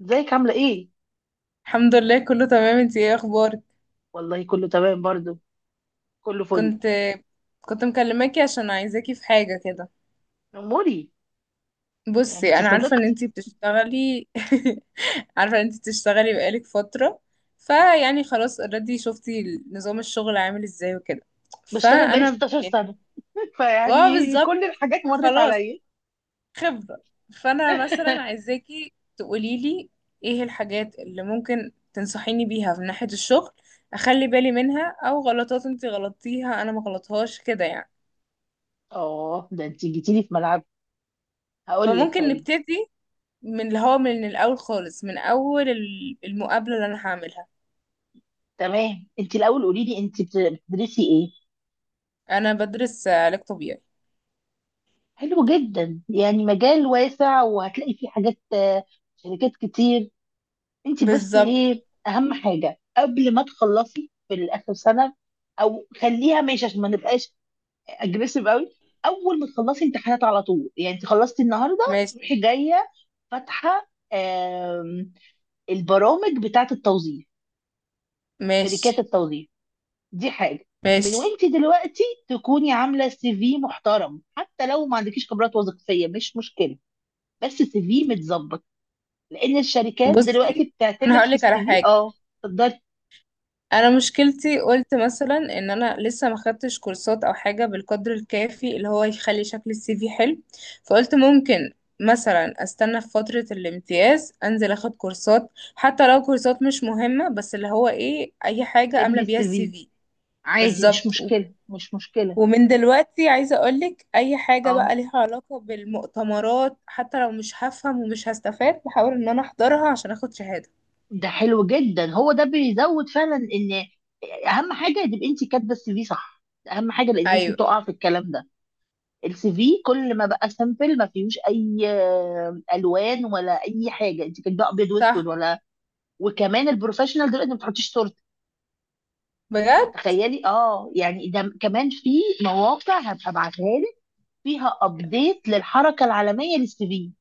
ازيك عاملة ايه؟ الحمد لله، كله تمام. انتي ايه اخبارك؟ والله كله تمام برضو، كله فل. كنت كنت مكلماكي عشان عايزاكي في حاجة كده. اموري، يعني بصي، انتي انا عارفة ان صديقتي. انتي بتشتغلي. عارفة ان انتي بتشتغلي بقالك فترة، فيعني خلاص، اوريدي شفتي نظام الشغل عامل ازاي وكده. بشتغل بقالي فانا 16 يعني سنة، اه فيعني بالظبط، كل الحاجات مرت فخلاص، عليا. خبرة. فأنا مثلا عايزاكي تقوليلي ايه الحاجات اللي ممكن تنصحيني بيها من ناحية الشغل، أخلي بالي منها أو غلطات انتي غلطتيها أنا ما غلطهاش كده يعني. اه، ده انتي جيتيلي في ملعب. هقول لك، فممكن طيب. نبتدي من اللي هو من الأول خالص، من أول المقابلة اللي أنا هعملها. تمام، انتي الاول قولي لي، انتي بتدرسي ايه؟ أنا بدرس علاج طبيعي. حلو جدا، يعني مجال واسع وهتلاقي فيه حاجات، شركات كتير. انتي بس بالظبط. ايه اهم حاجة قبل ما تخلصي في الاخر سنة، او خليها ماشي عشان ما نبقاش اجريسيف قوي. اول ما تخلصي امتحانات على طول، يعني انت خلصتي النهارده ماشي. تروحي جايه فاتحه البرامج بتاعه التوظيف، ماشي. شركات التوظيف. دي حاجه. من ماشي. وانت دلوقتي تكوني عامله سي في محترم، حتى لو ما عندكيش خبرات وظيفيه مش مشكله، بس سي في متظبط، لان الشركات دلوقتي بصي، أنا بتعتمد في هقولك على السي في. حاجة. اه، تقدري انا مشكلتي، قلت مثلا ان انا لسه ما خدتش كورسات او حاجه بالقدر الكافي اللي هو يخلي شكل السي في حلو. فقلت ممكن مثلا استنى في فتره الامتياز، انزل اخد كورسات حتى لو كورسات مش مهمه، بس اللي هو ايه اي حاجه تعملي املى بيها السي السي في في. عادي، مش بالظبط مشكله مش مشكله. ومن دلوقتي عايزه اقولك اي حاجه اه بقى ليها علاقه بالمؤتمرات، حتى لو مش هفهم ومش هستفاد، بحاول ان انا احضرها عشان اخد شهاده. ده حلو جدا، هو ده بيزود فعلا ان اهم حاجه تبقى انت كاتبه السي في صح. ده اهم حاجه لان الناس ايوه، بتقع في الكلام ده. السي في كل ما بقى سامبل ما فيهوش اي الوان ولا اي حاجه، انت كاتبه ابيض واسود صح، ولا. وكمان البروفيشنال دلوقتي ما بتحطيش صورتك. بجد. فتخيلي، اه يعني ده كمان، في مواقع هبقى ابعتها لك فيها ابديت للحركه العالميه للسي في،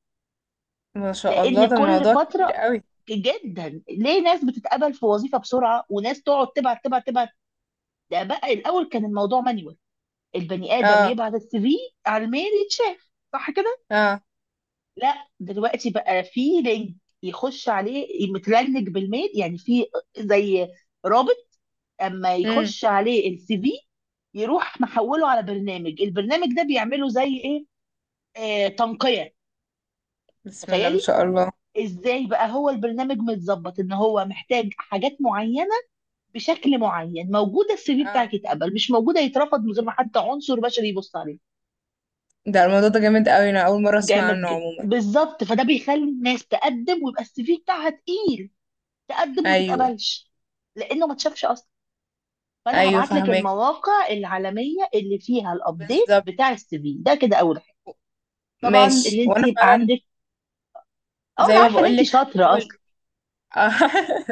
ما شاء الله، لان ده كل الموضوع كبير فتره قوي. جدا ليه ناس بتتقبل في وظيفه بسرعه وناس تقعد تبعت تبعت تبعت. ده بقى الاول كان الموضوع مانيوال، البني ادم اه. يبعت السي في على الميل يتشاف، صح كده. اه. لا دلوقتي بقى في لينك يخش عليه، متلنك بالميل يعني، في زي رابط، اما امم. يخش عليه السي في يروح محوله على برنامج، البرنامج ده بيعمله زي ايه، آه تنقية. بسم الله ما تخيلي، شاء الله. ازاي بقى هو البرنامج متظبط ان هو محتاج حاجات معينة بشكل معين، موجودة السي في اه، بتاعك يتقبل، مش موجودة يترفض، من غير ما حتى عنصر بشري يبص عليه. ده الموضوع ده جامد قوي، انا اول مره اسمع جامد عنه جدا عموما. بالظبط، فده بيخلي الناس تقدم ويبقى السي في بتاعها تقيل، تقدم وما ايوه. تتقبلش لانه ما اتشافش اصلا. فانا ايوه، هبعت لك فهمك، المواقع العالميه اللي فيها الابديت بالظبط. بتاع السي في، ده كده اول حاجه. طبعا ماشي، اللي انت وانا يبقى فعلا عندك، اه زي انا ما عارفه ان بقول انت لك شاطره هحاول. اصلا. آه،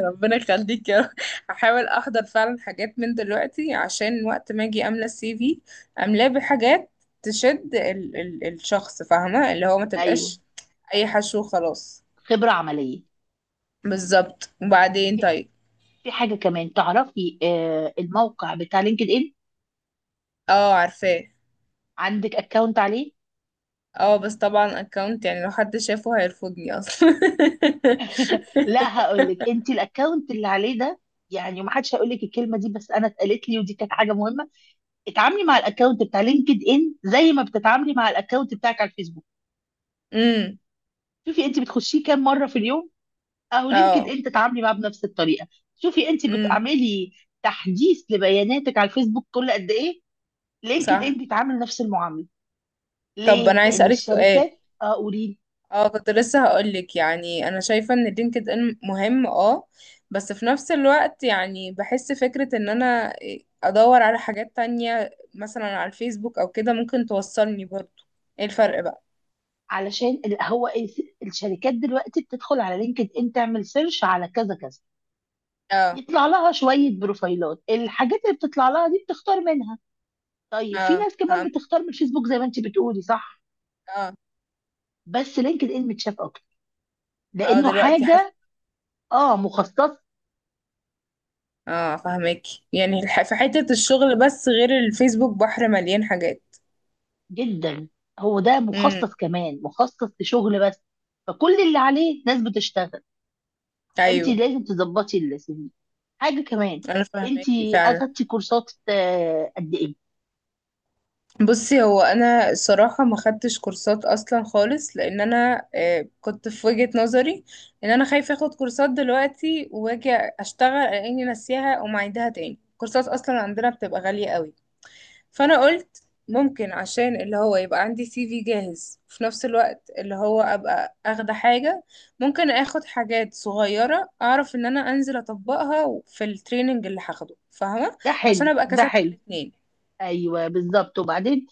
ربنا يخليك يا رب. هحاول احضر فعلا حاجات من دلوقتي عشان وقت ما اجي املى السي في، املاه بحاجات تشد ال الشخص، فاهمه؟ اللي هو ما ايوه، تبقاش اي حشو خلاص. خبره عمليه. بالظبط. وبعدين في طيب، في حاجه كمان تعرفي، آه الموقع بتاع لينكد ان، اه، عارفاه. عندك اكونت عليه؟ اه، بس طبعا اكونت يعني لو حد شافه هيرفضني اصلا. لا هقول لك، انت الاكونت اللي عليه ده، يعني ما حدش هيقول لك الكلمه دي، بس انا اتقالت لي ودي كانت حاجه مهمه. اتعاملي مع الاكونت بتاع لينكد ان زي ما بتتعاملي مع الاكونت بتاعك على الفيسبوك. امم. شوفي انت بتخشيه كام مره في اليوم، اهو لينكد اه. ان تتعاملي معاه بنفس الطريقه. شوفي انت امم. بتعملي تحديث لبياناتك على الفيسبوك كل قد ايه، لينكد ان صح. بيتعامل نفس المعامله. طب ليه؟ انا عايز لان اسالك سؤال. الشركات، اه قولي، اه، كنت لسه هقولك يعني انا شايفه ان لينكد ان مهم اه، بس في نفس الوقت يعني بحس فكره ان انا ادور على حاجات تانية مثلا على الفيسبوك او كده ممكن توصلني برضو. ايه الفرق بقى؟ علشان هو الشركات دلوقتي بتدخل على لينكد ان تعمل سيرش على كذا كذا، اه. يطلع لها شويه بروفايلات، الحاجات اللي بتطلع لها دي بتختار منها. طيب في اه، ناس كمان فهمت. بتختار من الفيسبوك زي ما انت بتقولي، صح، اه. بس لينكد ان متشاف اكتر اه، لانه دلوقتي. حاجه اه مخصص. اه، فاهمك. يعني في حتة الشغل، بس غير الفيسبوك بحر مليان حاجات. جدا هو ده امم. مخصص، كمان مخصص لشغل بس، فكل اللي عليه ناس بتشتغل. فانت ايوه، لازم تظبطي السي في. حاجه كمان، انا انت فاهمك فعلا. اخدتي كورسات قد ايه؟ بصي، هو انا الصراحة ما خدتش كورسات اصلا خالص، لان انا آه، كنت في وجهة نظري ان انا خايفة اخد كورسات دلوقتي واجي اشتغل اني ناسيها ومعيدها تاني، كورسات اصلا عندنا بتبقى غالية قوي. فانا قلت ممكن عشان اللي هو يبقى عندي سي في جاهز، وفي نفس الوقت اللي هو ابقى اخده حاجة، ممكن اخد حاجات صغيرة اعرف ان انا انزل اطبقها في التريننج اللي هاخده، فاهمة؟ ده عشان حلو ابقى ده كسبت حلو. الاتنين. ايوه بالظبط وبعدين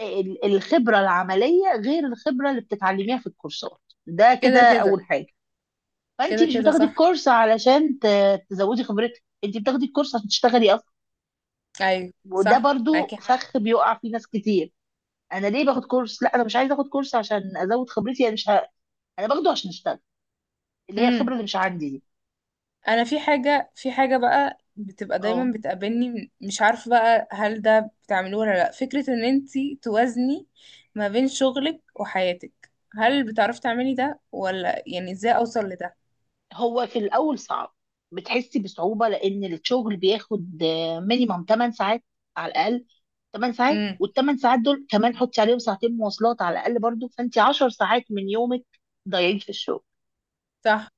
الخبره العمليه غير الخبره اللي بتتعلميها في الكورسات، ده كده كده كده. اول حاجه. فانت كده مش كده بتاخدي صح الكورس معاكي حق. علشان تزودي خبرتك، انت بتاخدي الكورس عشان تشتغلي اصلا. ايوه وده صح برضو معاكي حق. فخ بيقع فيه ناس كتير، انا ليه باخد كورس؟ لا انا مش عايزه اخد كورس عشان ازود خبرتي، انا مش انا باخده عشان اشتغل، اللي هي مم. الخبره اللي مش عندي دي. انا في حاجه في حاجه بقى بتبقى دايما اه. بتقابلني، مش عارفه بقى هل ده بتعملوه ولا لا، فكره ان انتي توازني ما بين شغلك وحياتك. هل بتعرفي تعملي ده ولا يعني ازاي اوصل لده؟ هو في الاول صعب، بتحسي بصعوبه لان الشغل بياخد مينيمم 8 ساعات على الاقل، 8 ساعات. امم. والثمان ساعات دول كمان حطي عليهم ساعتين مواصلات على الاقل، برضو فانت 10 ساعات من يومك ضايعين في الشغل، صح.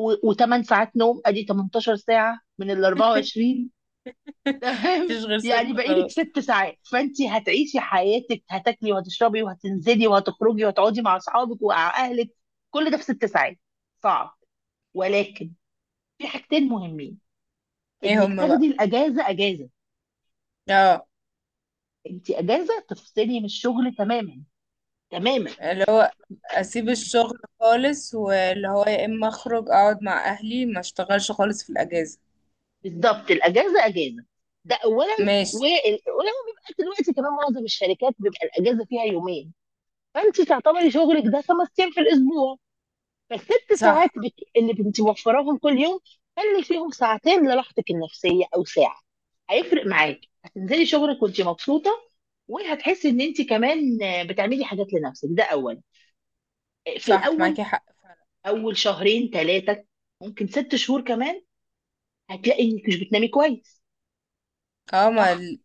و8 ساعات نوم، ادي 18 ساعه من ال 24. تمام، مفيش غير يعني ستة بقالك خلاص. 6 ساعات، فانت هتعيشي حياتك، هتاكلي وهتشربي وهتنزلي وهتخرجي وهتقعدي مع اصحابك ومع اهلك، كل ده في 6 ساعات. صعب، ولكن في حاجتين مهمين. ايه انك هما تاخدي بقى؟ الاجازه اجازه، اه، انت اجازه تفصلي من الشغل تماما، تماما. اللي هو اسيب الشغل خالص، واللي هو يا اما اخرج اقعد مع اهلي ما اشتغلش خالص في الاجازه. بالظبط، الاجازه اجازه، ده اولا. ماشي. وال- ولما بيبقى دلوقتي كمان معظم الشركات بيبقى الاجازه فيها يومين، فانت تعتبري شغلك ده 5 ايام في الاسبوع. فالست ساعات صح. اللي بنتي موفراهم كل يوم، خلي فيهم ساعتين لراحتك النفسية أو ساعة. هيفرق معاكي، هتنزلي شغلك وانت مبسوطة، وهتحسي ان انت كمان بتعملي حاجات لنفسك. ده أول، في صح معاكي الأول، حق. أول شهرين ثلاثة، ممكن 6 شهور كمان، هتلاقي انك مش بتنامي كويس، اه ما صح؟ ال-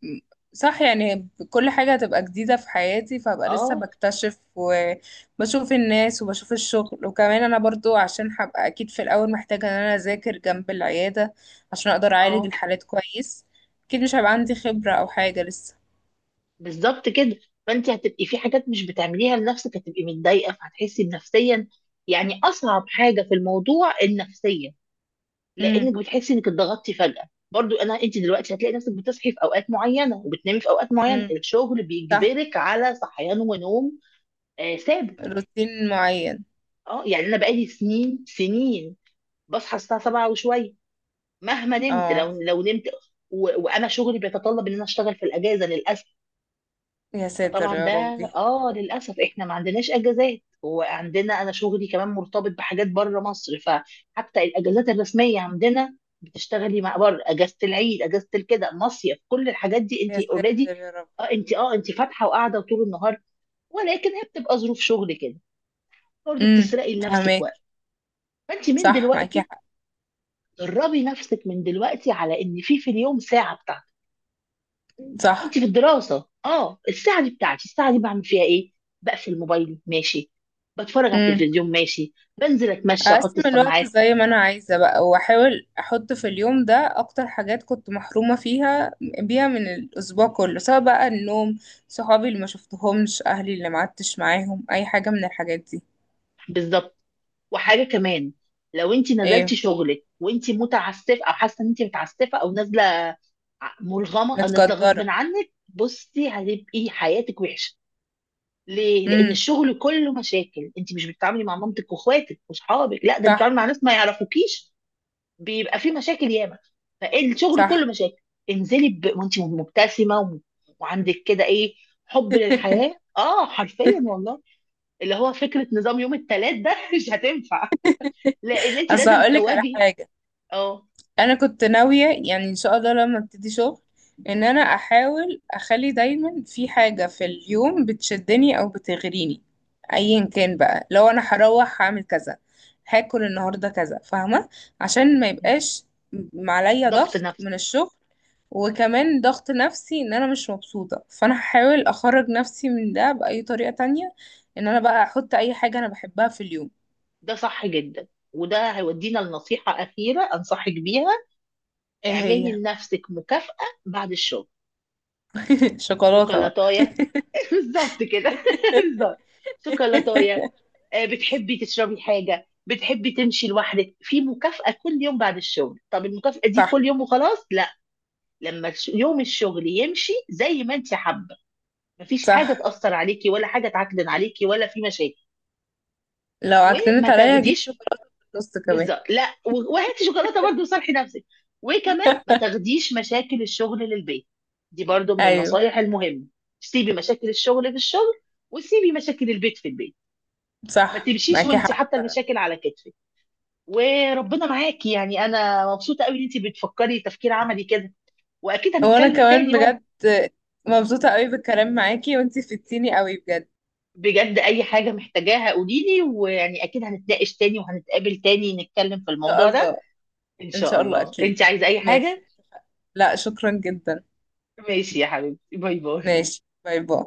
صح، يعني كل حاجة هتبقى جديدة في حياتي، فهبقى لسه اه بكتشف وبشوف الناس وبشوف الشغل، وكمان انا برضو عشان هبقى اكيد في الاول محتاجة ان انا اذاكر جنب العيادة عشان اقدر اعالج اه الحالات كويس. اكيد مش هيبقى عندي خبرة او حاجة لسه. بالظبط كده. فانت هتبقي في حاجات مش بتعمليها لنفسك، هتبقي متضايقة فهتحسي نفسيا، يعني أصعب حاجة في الموضوع النفسية، امم. لانك بتحسي انك اتضغطتي فجاه. برضو انا انت دلوقتي هتلاقي نفسك بتصحي في اوقات معينه وبتنامي في اوقات معينه، امم. الشغل صح. بيجبرك على صحيان ونوم آه ثابت. روتين معين. اه يعني انا بقالي سنين سنين، بصحى الساعه 7 وشويه مهما نمت، اه. لو نمت. وانا شغلي بيتطلب ان انا اشتغل في الاجازه للاسف. يا ساتر فطبعا يا ده، ربي. اه للاسف احنا ما عندناش اجازات، وعندنا انا شغلي كمان مرتبط بحاجات بره مصر، فحتى الاجازات الرسميه عندنا بتشتغلي مع بره، اجازه العيد، اجازه الكده، مصيف، كل الحاجات دي يا انت ساتر اوريدي. يا رب. اه انت، اه انت فاتحه وقاعده طول النهار، ولكن هي بتبقى ظروف شغل كده، برضه امم. بتسرقي لنفسك فهماك. وقت. فانت من صح معاكي دلوقتي حق. دربي نفسك من دلوقتي على ان في في اليوم ساعه بتاعتك. صح. وانت في الدراسه اه، الساعه دي بتاعتي الساعه دي بعمل فيها ايه، بقفل موبايلي، ماشي، بتفرج على امم. التلفزيون، ماشي، بنزل اتمشى واحط اقسم الوقت السماعات. زي ما انا عايزه بقى، واحاول احط في اليوم ده اكتر حاجات كنت محرومه فيها بيها من الاسبوع كله، سواء بقى النوم، صحابي اللي ما شفتهمش، اهلي اللي ما قعدتش معاهم، اي حاجه من الحاجات دي. بالظبط. وحاجه كمان، لو انت نزلتي ايه. شغلك وانت متعسفه، او حاسه ان انت متعسفه او نازله مرغمه، او نازله غصب متقدره. عنك، بصي هتبقي حياتك وحشه. ليه؟ لان امم. الشغل كله مشاكل، انت مش بتتعاملي مع مامتك واخواتك واصحابك، لا ده انت صح. بتتعاملي مع ناس ما يعرفوكيش، بيبقى في مشاكل ياما. فالشغل كله صح. مشاكل، انزلي وانت مبتسمه، وعندك كده ايه، حب للحياه اه، حرفيا والله. اللي هو فكره نظام يوم الثلاث ده مش هتنفع، لان انت اصل لازم هقولك على تواجهي. حاجه. اه انا كنت ناويه يعني ان شاء الله لما ابتدي شغل ان انا احاول اخلي دايما في حاجه في اليوم بتشدني او بتغريني، ايا كان بقى، لو انا هروح هعمل كذا، هاكل النهارده كذا، فاهمه؟ عشان ما يبقاش عليا ضغط ضغط نفسي. من الشغل، وكمان ضغط نفسي ان انا مش مبسوطه، فانا هحاول اخرج نفسي من ده باي طريقه تانية، ان انا بقى احط اي حاجه انا بحبها في اليوم. ده صح جدا، وده هيودينا لنصيحه اخيره انصحك بيها. ايه اعملي هي؟ لنفسك مكافاه بعد الشغل. شوكولاته بقى. شوكولاتايه، بالظبط كده، بالظبط، شوكولاتايه. بتحبي تشربي حاجة، بتحبي تمشي لوحدك، في مكافأة كل يوم بعد الشغل. طب المكافأة دي صح. كل يوم وخلاص؟ لا، لما يوم الشغل يمشي زي ما انت حابة، مفيش حاجة صح. تأثر عليكي ولا حاجة تعكدن عليكي ولا في مشاكل، لو عكننت وما عليا هجيب تاخديش. شوكولاتة في النص كمان. بالظبط، لا وهاتي شوكولاتة برضه وصالحي نفسك. وكمان ما تاخديش مشاكل الشغل للبيت، دي برضه من ايوه النصايح المهمة، سيبي مشاكل الشغل في الشغل، وسيبي مشاكل البيت في البيت، ما صح تمشيش معاكي وانت حق. حاطه المشاكل على كتفك. وربنا معاكي، يعني انا مبسوطه قوي ان انت بتفكري تفكير عملي كده، واكيد وانا هنتكلم كمان تاني برضه. بجد مبسوطة قوي بالكلام معاكي، وانتي فدتيني قوي بجد. بجد اي حاجه محتاجاها قولي لي، ويعني اكيد هنتناقش تاني وهنتقابل تاني نتكلم في ان شاء الموضوع ده. الله. ان ان شاء شاء الله الله. اكيد. انت عايزه اي ماشي. حاجه. لا، شكرا جدا. ماشي يا حبيبتي، باي باي. ماشي، باي باي.